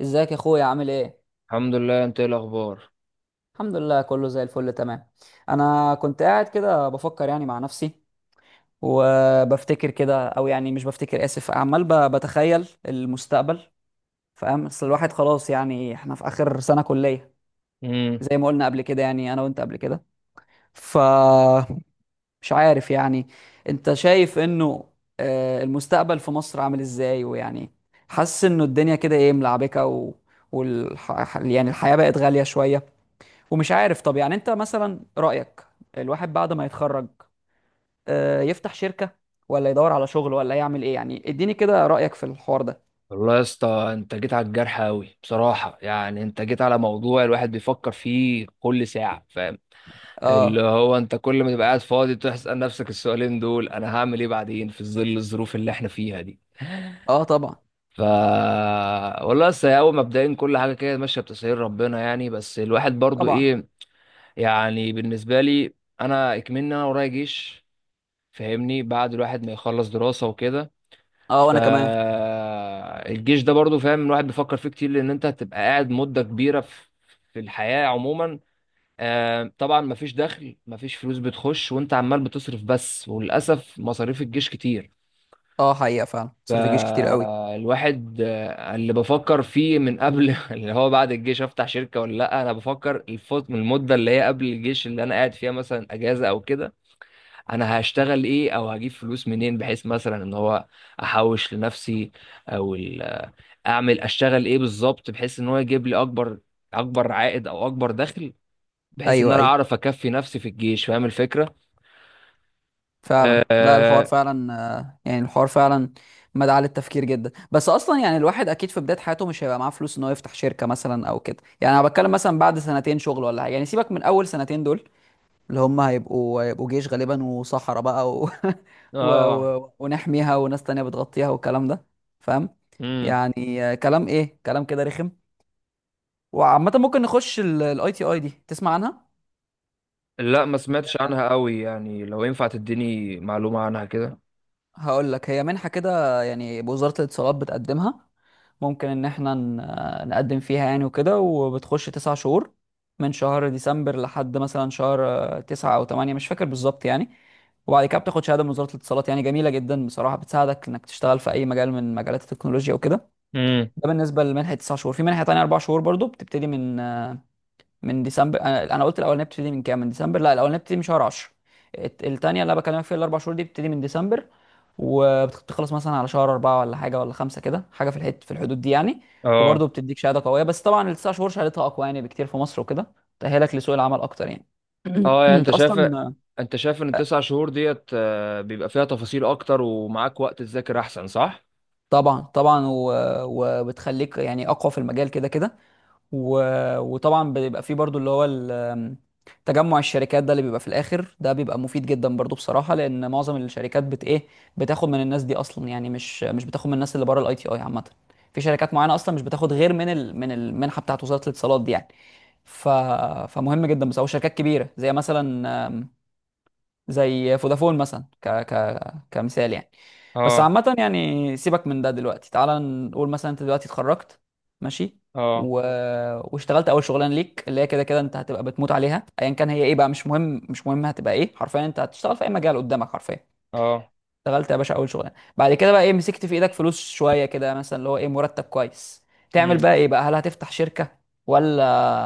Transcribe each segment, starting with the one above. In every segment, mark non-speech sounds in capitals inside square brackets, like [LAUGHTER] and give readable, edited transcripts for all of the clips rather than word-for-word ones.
ازيك يا اخويا، عامل ايه؟ الحمد لله، انت ايه الاخبار؟ الحمد لله كله زي الفل تمام. انا كنت قاعد كده بفكر يعني مع نفسي، وبفتكر كده او يعني مش بفتكر، اسف، عمال بتخيل المستقبل. فاهم؟ اصل الواحد خلاص يعني احنا في اخر سنة كلية. امم. زي ما قلنا قبل كده يعني انا وانت قبل كده. فمش عارف يعني. انت شايف انه المستقبل في مصر عامل ازاي؟ ويعني حاسس انه الدنيا كده ايه ملعبكة يعني الحياة بقت غالية شوية. ومش عارف، طب يعني انت مثلا رأيك، الواحد بعد ما يتخرج يفتح شركة ولا يدور على شغل ولا يعمل ايه يعني؟ اديني كده رأيك في الحوار ده. والله يا اسطى، انت جيت على الجرح قوي بصراحه، يعني انت جيت على موضوع الواحد بيفكر فيه كل ساعه، فاهم؟ اللي اه. هو انت كل ما تبقى قاعد فاضي تسال نفسك السؤالين دول، انا هعمل ايه بعدين في ظل الظروف اللي احنا فيها دي. اه طبعا. ف والله لسه، هي اول مبدئيا كل حاجه كده ماشيه بتسهيل ربنا، يعني بس الواحد برضو طبعا. ايه، يعني بالنسبه لي انا اكملنا، انا ورايا جيش. فاهمني بعد الواحد ما يخلص دراسه وكده، اه وانا كمان. فالجيش ده برضو، فاهم الواحد بيفكر فيه كتير لان انت هتبقى قاعد مدة كبيرة في الحياة عموما. طبعا مفيش دخل، مفيش فلوس بتخش وانت عمال بتصرف بس، وللأسف مصاريف الجيش كتير. اه حقيقة فعلا صرف الجيش كتير قوي. الواحد، اللي بفكر فيه من قبل [LAUGHS] اللي هو بعد الجيش افتح شركة ولا لا، انا بفكر الفوت من المدة اللي هي قبل الجيش اللي انا قاعد فيها مثلا اجازة او كده. انا هشتغل ايه او هجيب فلوس منين، بحيث مثلا ان هو احوش لنفسي، او اعمل، اشتغل ايه بالظبط بحيث ان هو يجيب لي اكبر عائد، او اكبر دخل، بحيث ان ايوه انا ايوه اعرف اكفي نفسي في الجيش، فاهم الفكرة؟ فعلا. لا الحوار اه, فعلا يعني الحوار فعلا مدعاة للتفكير جدا. بس اصلا يعني الواحد اكيد في بداية حياته مش هيبقى معاه فلوس ان هو يفتح شركة مثلا او كده. يعني انا بتكلم مثلا بعد سنتين شغل ولا حاجة، يعني سيبك من اول سنتين دول، اللي هم هيبقوا جيش غالبا وصحراء بقى [LAUGHS] آه. ونحميها، وناس تانية بتغطيها، والكلام ده. فاهم؟ امم. يعني كلام ايه، كلام كده رخم. وعامة ممكن نخش الاي تي اي دي، تسمع عنها؟ لا، ما سمعتش عنها قوي، يعني لو ينفع تديني معلومة عنها كده. هقول لك: هي منحة كده يعني، بوزارة الاتصالات بتقدمها. ممكن ان احنا نقدم فيها يعني وكده، وبتخش تسع شهور من شهر ديسمبر لحد مثلا شهر تسعة او تمانية، مش فاكر بالظبط يعني. وبعد كده بتاخد شهادة من وزارة الاتصالات، يعني جميلة جدا بصراحة، بتساعدك انك تشتغل في اي مجال من مجالات التكنولوجيا وكده. امم. ده بالنسبة لمنحة تسع شهور. في منحة تانية اربع شهور برضو بتبتدي من ديسمبر، انا قلت الاولانيه بتبتدي من كام؟ من ديسمبر؟ لا، الاولانيه بتبتدي من شهر 10. التانيه اللي انا بكلمك فيها، الاربع شهور دي، بتبتدي من ديسمبر وبتخلص مثلا على شهر أربعة ولا حاجة ولا خمسة كده حاجة، في الحد، في الحدود دي يعني. اه. وبرضه بتديك شهادة قوية، بس طبعا التسع شهور شهادتها أقوى يعني بكتير في مصر وكده، تأهلك لسوق العمل أكتر يعني. اه [CLEARS THROAT] يعني انت أنت شايف، أصلا ان التسع شهور ديت بيبقى فيها تفاصيل اكتر، ومعاك وقت تذاكر احسن، صح؟ طبعا طبعا وبتخليك يعني أقوى في المجال كده كده. و... وطبعا بيبقى فيه برضو اللي هو تجمع الشركات ده اللي بيبقى في الاخر، ده بيبقى مفيد جدا برضو بصراحه، لان معظم الشركات بت ايه، بتاخد من الناس دي اصلا يعني، مش بتاخد من الناس اللي بره الاي تي اي عامه. في شركات معينه اصلا مش بتاخد غير من من المنحه بتاعت وزاره الاتصالات دي يعني. ف... فمهم جدا، بس او شركات كبيره زي مثلا زي فودافون مثلا ك ك كمثال يعني. بس اه. عامة يعني سيبك من ده دلوقتي. تعال نقول مثلا انت دلوقتي اتخرجت، ماشي اه. و... واشتغلت اول شغلانة ليك، اللي هي كده كده انت هتبقى بتموت عليها ايا كان هي ايه بقى، مش مهم، مش مهم هتبقى ايه حرفيا، انت هتشتغل في اي مجال قدامك حرفيا. اه. اشتغلت يا باشا اول شغلانة، بعد كده بقى ايه؟ مسكت في ايدك فلوس شوية كده مثلا، اللي هو ايه، مرتب كويس. تعمل امم. بقى ايه بقى؟ هل هتفتح شركة ولا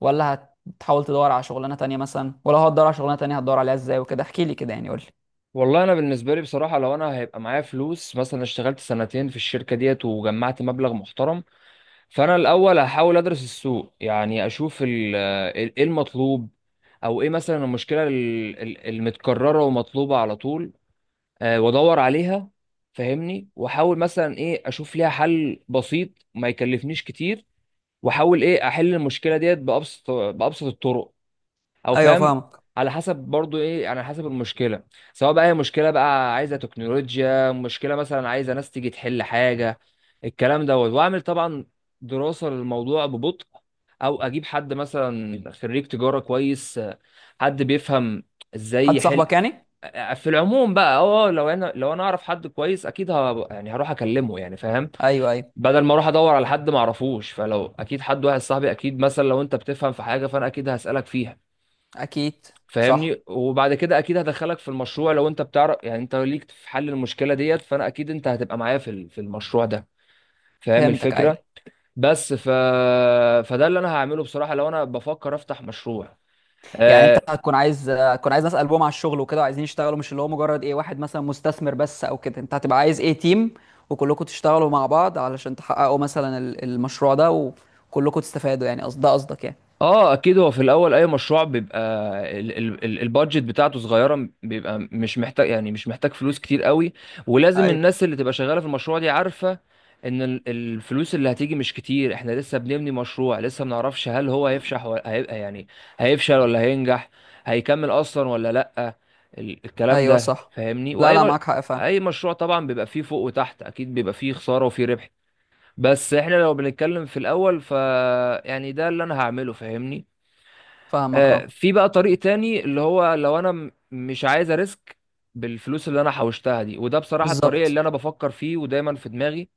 ولا هتحاول تدور على شغلانة تانية مثلا؟ ولو هتدور على شغلانة تانية هتدور عليها ازاي وكده؟ احكي لي كده يعني، قول. والله انا بالنسبه لي بصراحه، لو انا هيبقى معايا فلوس، مثلا اشتغلت سنتين في الشركه ديت وجمعت مبلغ محترم، فانا الاول هحاول ادرس السوق، يعني اشوف ايه المطلوب، او ايه مثلا المشكله المتكرره ومطلوبه على طول، وادور عليها. فاهمني، واحاول مثلا ايه اشوف ليها حل بسيط ما يكلفنيش كتير، واحاول ايه احل المشكله ديت بابسط الطرق، او ايوه فاهم، فاهمك. على حسب برضو ايه، يعني على حسب المشكله، سواء بقى هي مشكله بقى عايزه تكنولوجيا، مشكله مثلا عايزه ناس تيجي تحل حاجه، الكلام دوت، واعمل طبعا دراسه للموضوع ببطء، او اجيب حد مثلا خريج تجاره كويس، حد بيفهم ازاي حد يحل. صاحبك يعني؟ في العموم بقى، اه، لو انا اعرف حد كويس اكيد يعني هروح اكلمه، يعني فاهم، ايوه ايوه. بدل ما اروح ادور على حد ما اعرفوش. فلو اكيد حد، واحد صاحبي اكيد، مثلا لو انت بتفهم في حاجه فانا اكيد هسالك فيها. اكيد. صح. فاهمني، وبعد كده اكيد هدخلك في المشروع، لو انت بتعرف يعني، انت ليك في حل المشكله ديت فانا اكيد انت هتبقى معايا في في المشروع ده، فاهم فهمتك ايوه. الفكره؟ بس ف، فده اللي انا هعمله بصراحه لو انا بفكر افتح مشروع. يعني انت آه، هتكون عايز، هتكون عايز ناس قلبهم على الشغل وكده وعايزين يشتغلوا، مش اللي هو مجرد ايه، واحد مثلا مستثمر بس او كده، انت هتبقى عايز ايه تيم، وكلكم تشتغلوا مع بعض علشان تحققوا مثلا المشروع ده، وكلكم تستفادوا، يعني قصد ده قصدك يعني. اه اكيد، هو في الاول اي مشروع بيبقى البادجت بتاعته صغيره، بيبقى مش محتاج يعني، مش محتاج فلوس كتير قوي. ولازم ايوه الناس اللي تبقى شغاله في المشروع دي عارفه ان الفلوس اللي هتيجي مش كتير، احنا لسه بنبني مشروع، لسه ما نعرفش هل هو هيفشح ولا هيبقى، يعني هيفشل ولا هينجح، هيكمل اصلا ولا لا. الكلام ايوه ده صح. فاهمني. لا لا، معاك حق، فاهم. اي مشروع طبعا بيبقى فيه فوق وتحت، اكيد بيبقى فيه خساره وفيه ربح، بس احنا لو بنتكلم في الاول، ف يعني ده اللي انا هعمله، فاهمني. فاهمك اه. في بقى طريق تاني، اللي هو لو انا مش عايز اريسك بالفلوس اللي انا حوشتها دي، وده بصراحة الطريق بالظبط. اللي انا بفكر فيه ودايما في دماغي،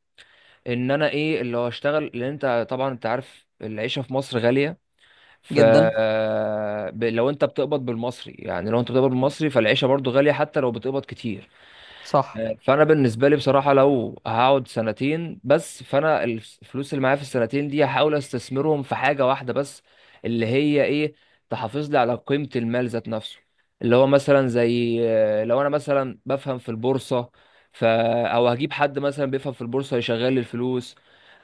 ان انا ايه اللي هو اشتغل، لان انت طبعا انت عارف العيشة في مصر غالية. ف جدا. لو انت بتقبض بالمصري، يعني لو انت بتقبض بالمصري فالعيشة برضو غالية حتى لو بتقبض كتير. صح. فانا بالنسبه لي بصراحه، لو هقعد سنتين بس، فانا الفلوس اللي معايا في السنتين دي هحاول استثمرهم في حاجه واحده بس، اللي هي ايه، تحافظ لي على قيمه المال ذات نفسه، اللي هو مثلا زي، لو انا مثلا بفهم في البورصه ف، او هجيب حد مثلا بيفهم في البورصه يشغل لي الفلوس،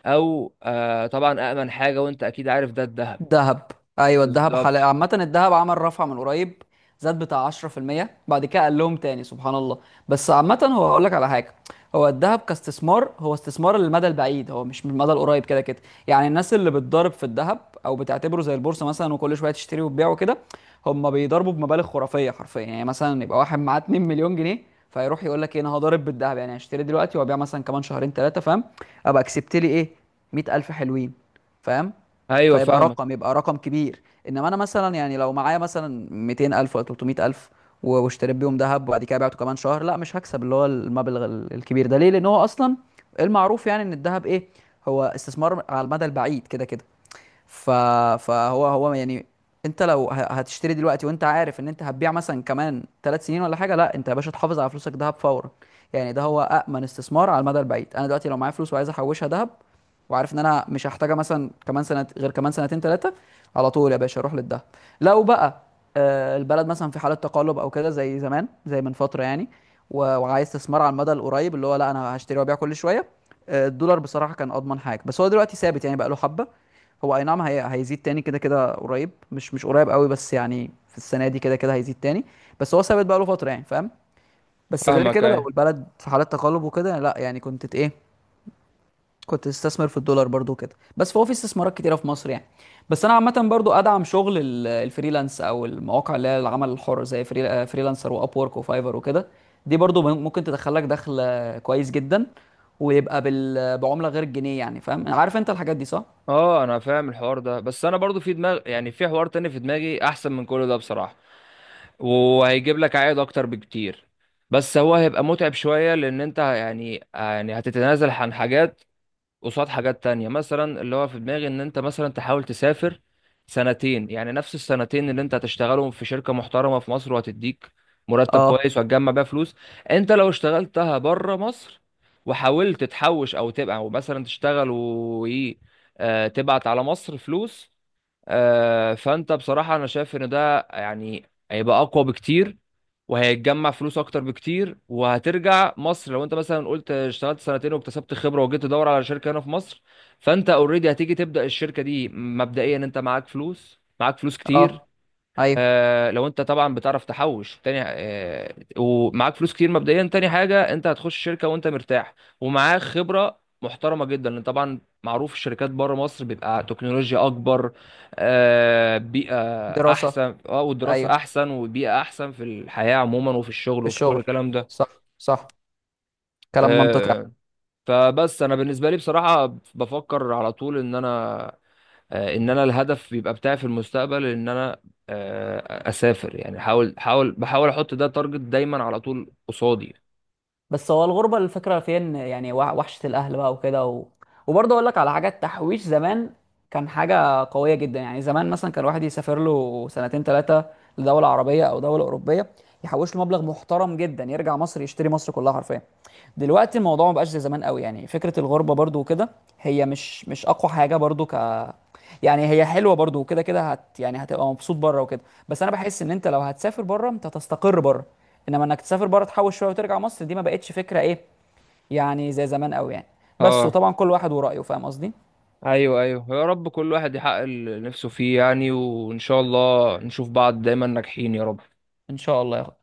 او طبعا امن حاجه وانت اكيد عارف ده، الذهب. دهب. ايوه، الدهب حلقة بالظبط، عامة. الدهب عمل رفع من قريب، زاد بتاع 10%. بعد كده قال لهم تاني، سبحان الله. بس عامة هو هقول لك على حاجة: هو الدهب كاستثمار، هو استثمار للمدى البعيد، هو مش من المدى القريب كده كده. يعني الناس اللي بتضارب في الدهب او بتعتبره زي البورصة مثلا وكل شوية تشتري وتبيع وكده، هم بيضربوا بمبالغ خرافية حرفيا. يعني مثلا يبقى واحد معاه 2 مليون جنيه، فيروح يقول لك ايه، انا هضارب بالدهب يعني هشتري دلوقتي وابيع مثلا كمان شهرين ثلاثة. فاهم؟ ابقى كسبت لي ايه، 100,000 حلوين. فاهم؟ ايوه فيبقى فاهمك. رقم، يبقى رقم كبير. انما انا مثلا يعني لو معايا مثلا 200,000 ولا 300,000 واشتريت بيهم ذهب وبعد كده بعته كمان شهر، لا مش هكسب اللي هو المبلغ الكبير ده. ليه؟ لان هو اصلا المعروف يعني ان الذهب ايه، هو استثمار على المدى البعيد كده كده. ف... فهو هو يعني انت لو هتشتري دلوقتي وانت عارف ان انت هتبيع مثلا كمان ثلاث سنين ولا حاجه، لا انت يا باشا تحافظ على فلوسك دهب فورا. يعني ده هو امن استثمار على المدى البعيد. انا دلوقتي لو معايا فلوس وعايز احوشها دهب، وعارف ان انا مش هحتاجها مثلا كمان سنه غير كمان سنتين ثلاثه، على طول يا باشا اروح للدهب. لو بقى البلد مثلا في حاله تقلب او كده زي زمان، زي من فتره يعني، وعايز استثمار على المدى القريب اللي هو لا انا هشتري وابيع كل شويه، الدولار بصراحه كان اضمن حاجه. بس هو دلوقتي ثابت يعني بقى له حبه. هو اي نعم، هيزيد تاني كده كده قريب، مش قريب قوي، بس يعني في السنه دي كده كده هيزيد تاني. بس هو ثابت بقى له فتره يعني، فاهم؟ بس غير فاهمك، كده لو ايوه البلد في حاله تقلب وكده لا، يعني كنت ايه، كنت تستثمر في الدولار برضو كده. بس فهو في استثمارات كتيره في مصر يعني. بس انا عامه برضو ادعم شغل الفريلانس او المواقع اللي هي العمل الحر، زي فريلانسر، واب وورك، وفايفر وكده. دي برضو ممكن تدخلك دخل كويس جدا، ويبقى بعمله غير الجنيه يعني. فاهم؟ عارف انت الحاجات دي؟ صح؟ اه، انا فاهم الحوار ده، بس انا برضو في دماغ يعني في حوار تاني في دماغي احسن من كل ده بصراحه، وهيجيب لك عائد اكتر بكتير، بس هو هيبقى متعب شوية، لان انت يعني هتتنازل عن حاجات قصاد حاجات تانية، مثلا اللي هو في دماغي ان انت مثلا تحاول تسافر سنتين، يعني نفس السنتين اللي انت هتشتغلهم في شركة محترمة في مصر وهتديك مرتب اه. كويس وهتجمع بيها فلوس. انت لو اشتغلتها بره مصر، وحاولت تحوش او تبقى او مثلا تشتغل و تبعت على مصر فلوس، فانت بصراحة انا شايف ان ده يعني هيبقى اقوى بكتير، وهيتجمع فلوس اكتر بكتير. وهترجع مصر لو انت مثلا قلت اشتغلت سنتين واكتسبت خبرة، وجيت تدور على شركة هنا في مصر، فانت اوريدي هتيجي تبدأ الشركة دي مبدئيا انت معاك فلوس كتير. اه ايوه. لو انت طبعا بتعرف تحوش تاني، ومعاك فلوس كتير مبدئيا، تاني حاجة انت هتخش شركة وانت مرتاح ومعاك خبرة محترمة جدا، لان طبعا معروف الشركات بره مصر بيبقى تكنولوجيا اكبر، بيئة دراسة. احسن، اه والدراسة ايوه احسن وبيئة احسن في الحياة عموما وفي الشغل في وفي كل الشغل. الكلام ده. صح. صح. كلام منطقي. آه فبس انا بالنسبة لي بصراحة بفكر على طول ان انا، ان انا الهدف بيبقى بتاعي في المستقبل ان انا اسافر، يعني حاول حاول بحاول احط ده تارجت دايما على طول قصادي. بس هو الغربة الفكرة فيها ان يعني وحشة الأهل بقى وكده وبرضه أقول لك على حاجات: تحويش زمان كان حاجة قوية جدا. يعني زمان مثلا كان الواحد يسافر له سنتين ثلاثة لدولة عربية أو دولة أوروبية، يحوش له مبلغ محترم جدا، يرجع مصر يشتري مصر كلها حرفيا. دلوقتي الموضوع ما بقاش زي زمان قوي يعني، فكرة الغربة برضو وكده، هي مش أقوى حاجة برضو، ك يعني هي حلوة برضو، وكده كده هت يعني هتبقى مبسوط بره وكده. بس أنا بحس إن أنت لو هتسافر بره أنت هتستقر بره. إنما إنك تسافر بره تحوش شوية وترجع مصر، دي ما بقتش فكرة إيه يعني زي زمان قوي يعني. بس اه، وطبعا كل واحد ورأيه، فاهم قصدي؟ ايوه ايوه، يا رب كل واحد يحقق اللي نفسه فيه، يعني وان شاء الله نشوف بعض دايما ناجحين يا رب. إن شاء الله يا أخويا.